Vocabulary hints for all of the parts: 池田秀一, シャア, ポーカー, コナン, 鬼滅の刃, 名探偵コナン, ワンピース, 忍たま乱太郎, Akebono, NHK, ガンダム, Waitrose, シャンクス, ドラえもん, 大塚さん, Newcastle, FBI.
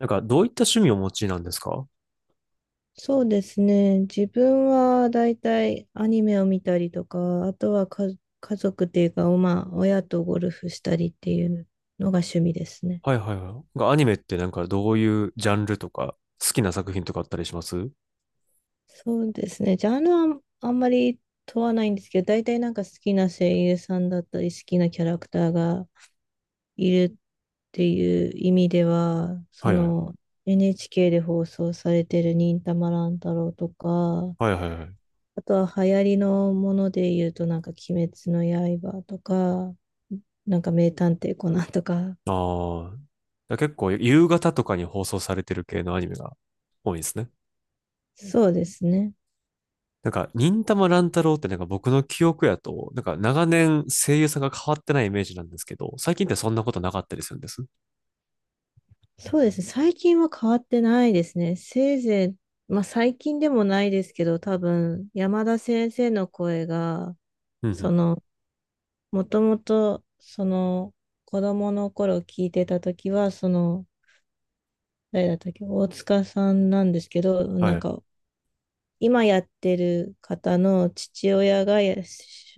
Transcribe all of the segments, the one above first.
なんか、どういった趣味をお持ちなんですか？はそうですね。自分はだいたいアニメを見たりとか、あとは家族っていうか、まあ、親とゴルフしたりっていうのが趣味ですね。いはいはい。がアニメってなんか、どういうジャンルとか、好きな作品とかあったりします？そうですね。ジャンルはあんまり問わないんですけど、だいたいなんか好きな声優さんだったり、好きなキャラクターがいるっていう意味では、そはいはい。の NHK で放送されてる忍たま乱太郎とか、はいはいはい。あとは流行りのもので言うと、なんか鬼滅の刃とか、なんか名探偵コナンとか。ああ。だ結構、夕方とかに放送されてる系のアニメが多いですね。そうですね。なんか、忍たま乱太郎ってなんか僕の記憶やと、なんか長年声優さんが変わってないイメージなんですけど、最近ってそんなことなかったりするんです。そうですね。最近は変わってないですね。せいぜい、まあ最近でもないですけど、多分山田先生の声が、うんうそん。の、もともと、その、子供の頃聞いてた時は、その、誰だったっけ、大塚さんなんですけど、はなんい。か今やってる方の父親がや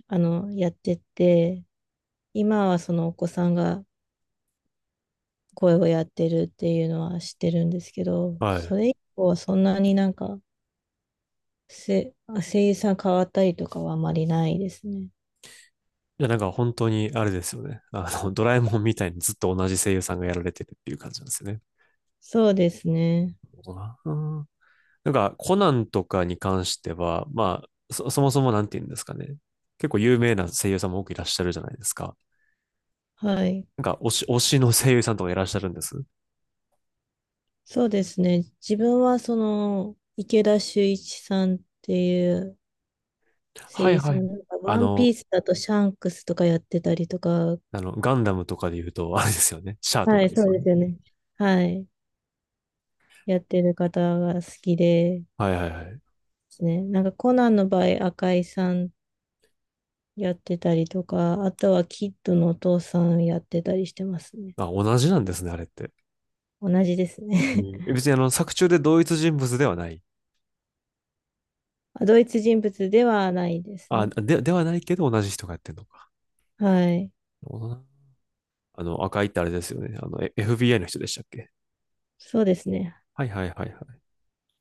あの、やってて、今はそのお子さんが声をやってるっていうのは知ってるんですけど、はい。それ以降はそんなになんか、せ、声優さん変わったりとかはあまりないですね。いや、なんか本当にあれですよね。あの、ドラえもんみたいにずっと同じ声優さんがやられてるっていう感じなんですよね。そうですね。どな。なんか、コナンとかに関しては、まあ、そもそもなんて言うんですかね。結構有名な声優さんも多くいらっしゃるじゃないですか。はい。なんか、推しの声優さんとかいらっしゃるんです。そうですね。自分はその池田秀一さんっていう声はい優はさい。んが、あワンピの、ースだとシャンクスとかやってたりとか、ガンダムとかで言うと、あれですよね。シャアとはかい、でそすうよでね。すよね。はい。やってる方が好きでではいはいはい。すね。なんかコナンの場合、赤井さんやってたりとか、あとはキッドのお父さんやってたりしてますね。まあ、同じなんですね、あれって。同じですうね。ん 別にあの、作中で同一人物ではない。あ、同一人物ではないですあ、ね。ではないけど同じ人がやってるのか。はい。あの、赤いってあれですよね。あの、FBI の人でしたっけ？そうですね。はいはいはいはい。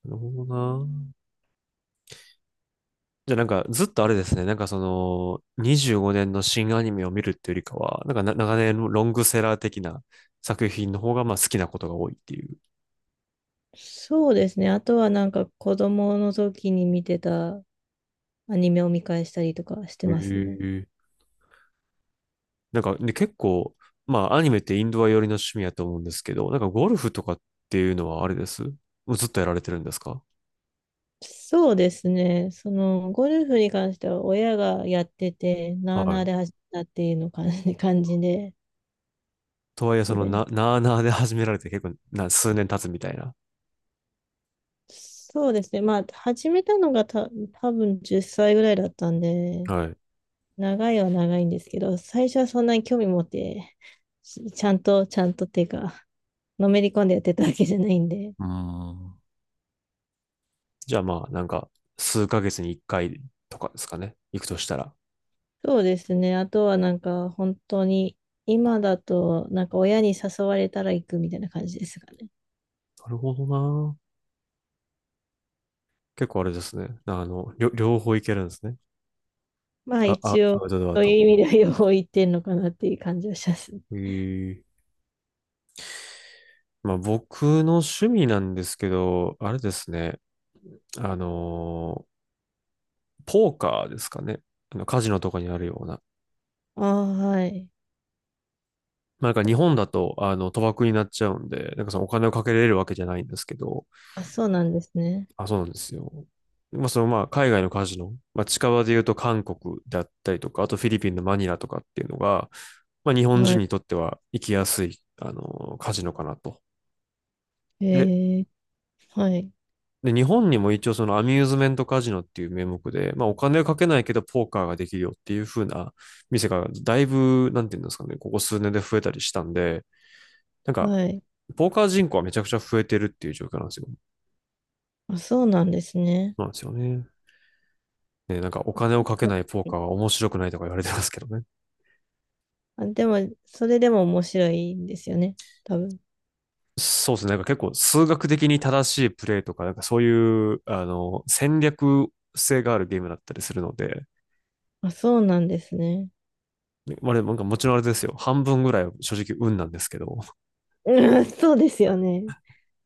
なるほどな。じゃあなんかずっとあれですね、なんかその25年の新アニメを見るっていうよりかは、なんかな長年のロングセラー的な作品の方がまあ好きなことが多いっていう。そうですね。あとはなんか子供の時に見てたアニメを見返したりとかしてへますね。え。なんかで結構、まあアニメってインドア寄りの趣味やと思うんですけど、なんかゴルフとかっていうのはあれですもうずっとやられてるんですか？そうですね。そのゴルフに関しては親がやってて、なはあなあい。で始めたっていうの感じ、感じでとはいえすそのね。なあなあで始められて結構な数年経つみたいな。そうですね。まあ、始めたのが多分10歳ぐらいだったんで、はい。う長いは長いんですけど、最初はそんなに興味持って、しちゃんと、ちゃんとっていうか、のめり込んでやってたわけじゃないんで。ーん。じゃあまあなんか数ヶ月に1回とかですかね。行くとしたら。そうですね。あとはなんか、本当に、今だと、なんか親に誘われたら行くみたいな感じですかね。なるほどな。結構あれですね。あの、両方いけるんですね。まあ、あ、一ア応、ウトドアそういうと。意味では両方行ってんのかなっていう感じはします。えーまあ僕の趣味なんですけど、あれですね。あのーポーカーですかね。あの、カジノとかにあるような。ああ、はい。まあ、なんか日本だと、あの、賭博になっちゃうんで、なんかそのお金をかけれるわけじゃないんですけど、あ、そうなんですね。あ、そうなんですよ。まあ、そのまあ、海外のカジノ、まあ、近場で言うと韓国だったりとか、あとフィリピンのマニラとかっていうのが、まあ、日本人はにとっては行きやすい、あの、カジノかなと。い。で、えー、はい。日本にも一応そのアミューズメントカジノっていう名目で、まあお金はかけないけどポーカーができるよっていう風な店がだいぶ、なんていうんですかね、ここ数年で増えたりしたんで、なんか、はい。ポーカー人口はめちゃくちゃ増えてるっていう状況なんですよ。そあ、そうなんですね。うなんですよね。ね、なんかお金をかけはないポーい。カーは面白くないとか言われてますけどね。あ、でも、それでも面白いんですよね、多分。そうですね。なんか結構数学的に正しいプレイとか、なんかそういう、あの、戦略性があるゲームだったりするので、あ、そうなんですね。まあ、でもなんかもちろんあれですよ。半分ぐらいは正直運なんですけど。うん、そうですよね。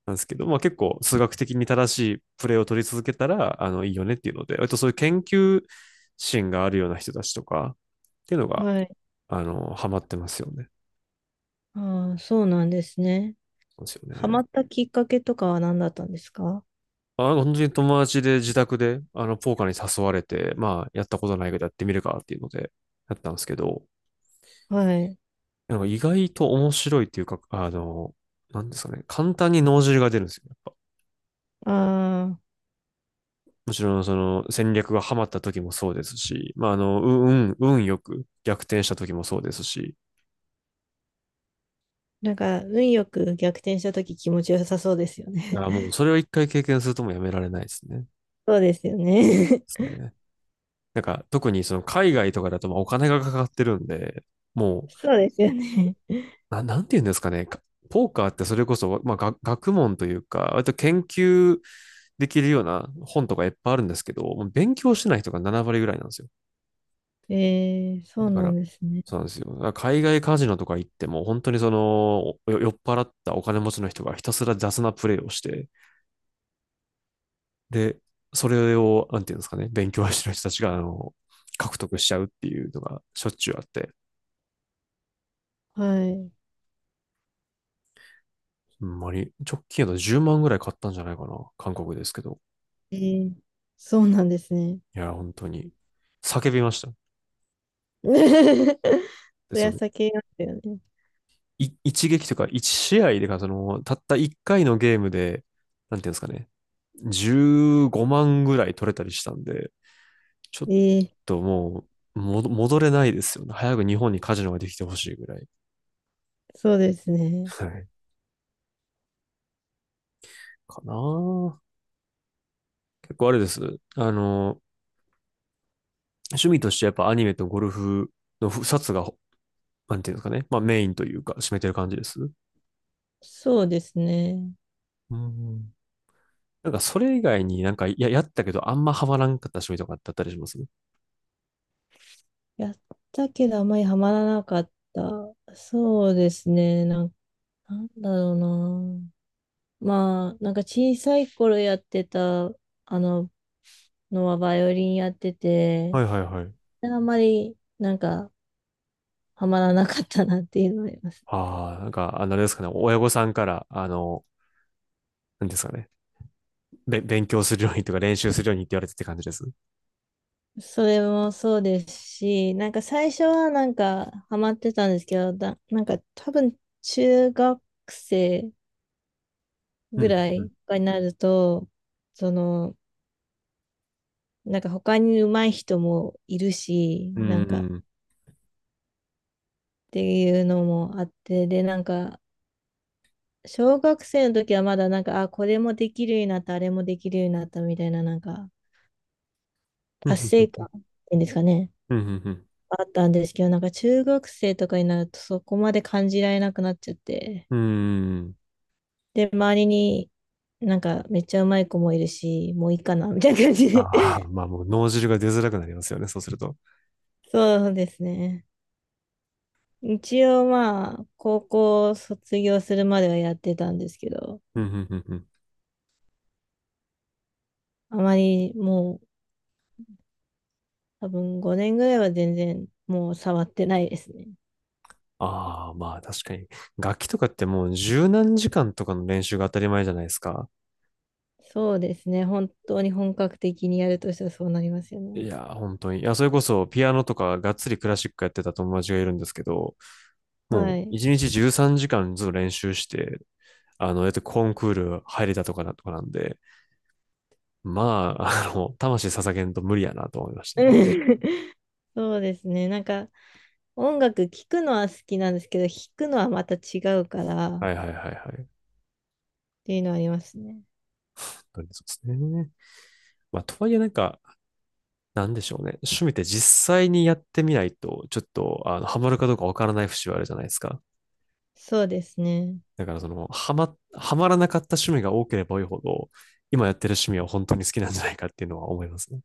なんですけど、まあ結構数学的に正しいプレーを取り続けたら、あの、いいよねっていうので、割とそういう研究心があるような人たちとかっていうのが、はい。あの、ハマってますよね。ああ、そうなんですね。そうですよハね。マったきっかけとかは何だったんですか？あ、本当に友達で自宅で、あの、ポーカーに誘われて、まあ、やったことないけどやってみるかっていうので、やったんですけど、はい。なんか意外と面白いっていうか、あの、なんですかね、簡単に脳汁が出るんですよね。ああ、もちろん、その戦略がハマった時もそうですし、まあ、あの、運よく逆転した時もそうですし、なんか、運よく逆転したとき気持ちよさそうですよいね。やもうそれを一回経験するともうやめられないですね。そうですよね。すね。なんか特にその海外とかだとまあお金がかかってるんで、もう、そうですよね。なんて言うんですかね。ポーカーってそれこそ、まあ、が学問というか、割と研究できるような本とかいっぱいあるんですけど、もう勉強してない人が7割ぐらいなんですよ。えー、そうだかなら、んですね。そうなんですよ。だから海外カジノとか行っても、本当にその、お酔っ払ったお金持ちの人がひたすら雑なプレイをして、で、それを、なんていうんですかね、勉強してる人たちが、あの、獲得しちゃうっていうのがしょっちゅうあって、はほんまに、直近やと10万ぐらい買ったんじゃないかな、韓国ですけど。い。えー、そうなんですね。いや、本当に、叫びました。そで、りそゃの、酒なんだよね。一撃というか、一試合でか、その、たった一回のゲームで、なんていうんですかね、15万ぐらい取れたりしたんで、ちょっええ。ともう戻れないですよね。早く日本にカジノができてほしいぐらい。そうですね。はい。かなぁ。結構あれです。あの、趣味としてやっぱアニメとゴルフの2つが、なんていうんですかね。まあメインというか、占めてる感じです。そうですね。うん。なんかそれ以外になんかやったけどあんまハマらんかった趣味とかってあったりします？やったけどあまりハマらなかった。そうですね。なんだろうな。まあ、なんか小さい頃やってた、あの、のはバイオリンやってて、はいはいはい。あんまりなんかハマらなかったなっていうのはあります。ああ、なんか、あの、あれですかね。親御さんから、あの、なんですかね。勉強するようにとか練習するようにって言われてって感じです。それもそうですし、なんか最初はなんかハマってたんですけど、なんか多分中学生うぐん、らうん、いになると、その、なんか他に上手い人もいるし、うなんかっん、ていうのもあって、で、なんか小学生の時はまだなんか、あ、これもできるようになった、あれもできるようになったみたいな、なんかう達ん、成うん、感っていうんですかね、うん、うあったんですけど、なんか中学生とかになるとそこまで感じられなくなっちゃって。ん。うん。で、周りになんかめっちゃうまい子もいるし、もういいかな、みたいな感じで。あ あ、まあもう脳汁が出づらくなりますよね。そうすると。そうですね。一応まあ、高校卒業するまではやってたんですけど、うん、うん、うん、あまりもう多分5年ぐらいは全然もう触ってないですね。ああ、まあ確かに。楽器とかってもう十何時間とかの練習が当たり前じゃないですか。そうですね。本当に本格的にやるとしたらそうなりますよね。いやー、本当に。いや、それこそピアノとかがっつりクラシックやってた友達がいるんですけど、もはうい。一日13時間ずっと練習して、あの、やってコンクール入れたとかなとかなんで、まあ、あの、魂捧げんと無理やなと思いましたうね。ん。 そうですね。なんか音楽聴くのは好きなんですけど、弾くのはまた違うからっはいはいはいはい。本ていうのはありますね。当にそうですね。まあ、とはいえなんか、なんでしょうね。趣味って実際にやってみないと、ちょっと、あの、ハマるかどうかわからない節はあるじゃないですか。そうですね。だからその、はまらなかった趣味が多ければ多いほど、今やってる趣味は本当に好きなんじゃないかっていうのは思いますね。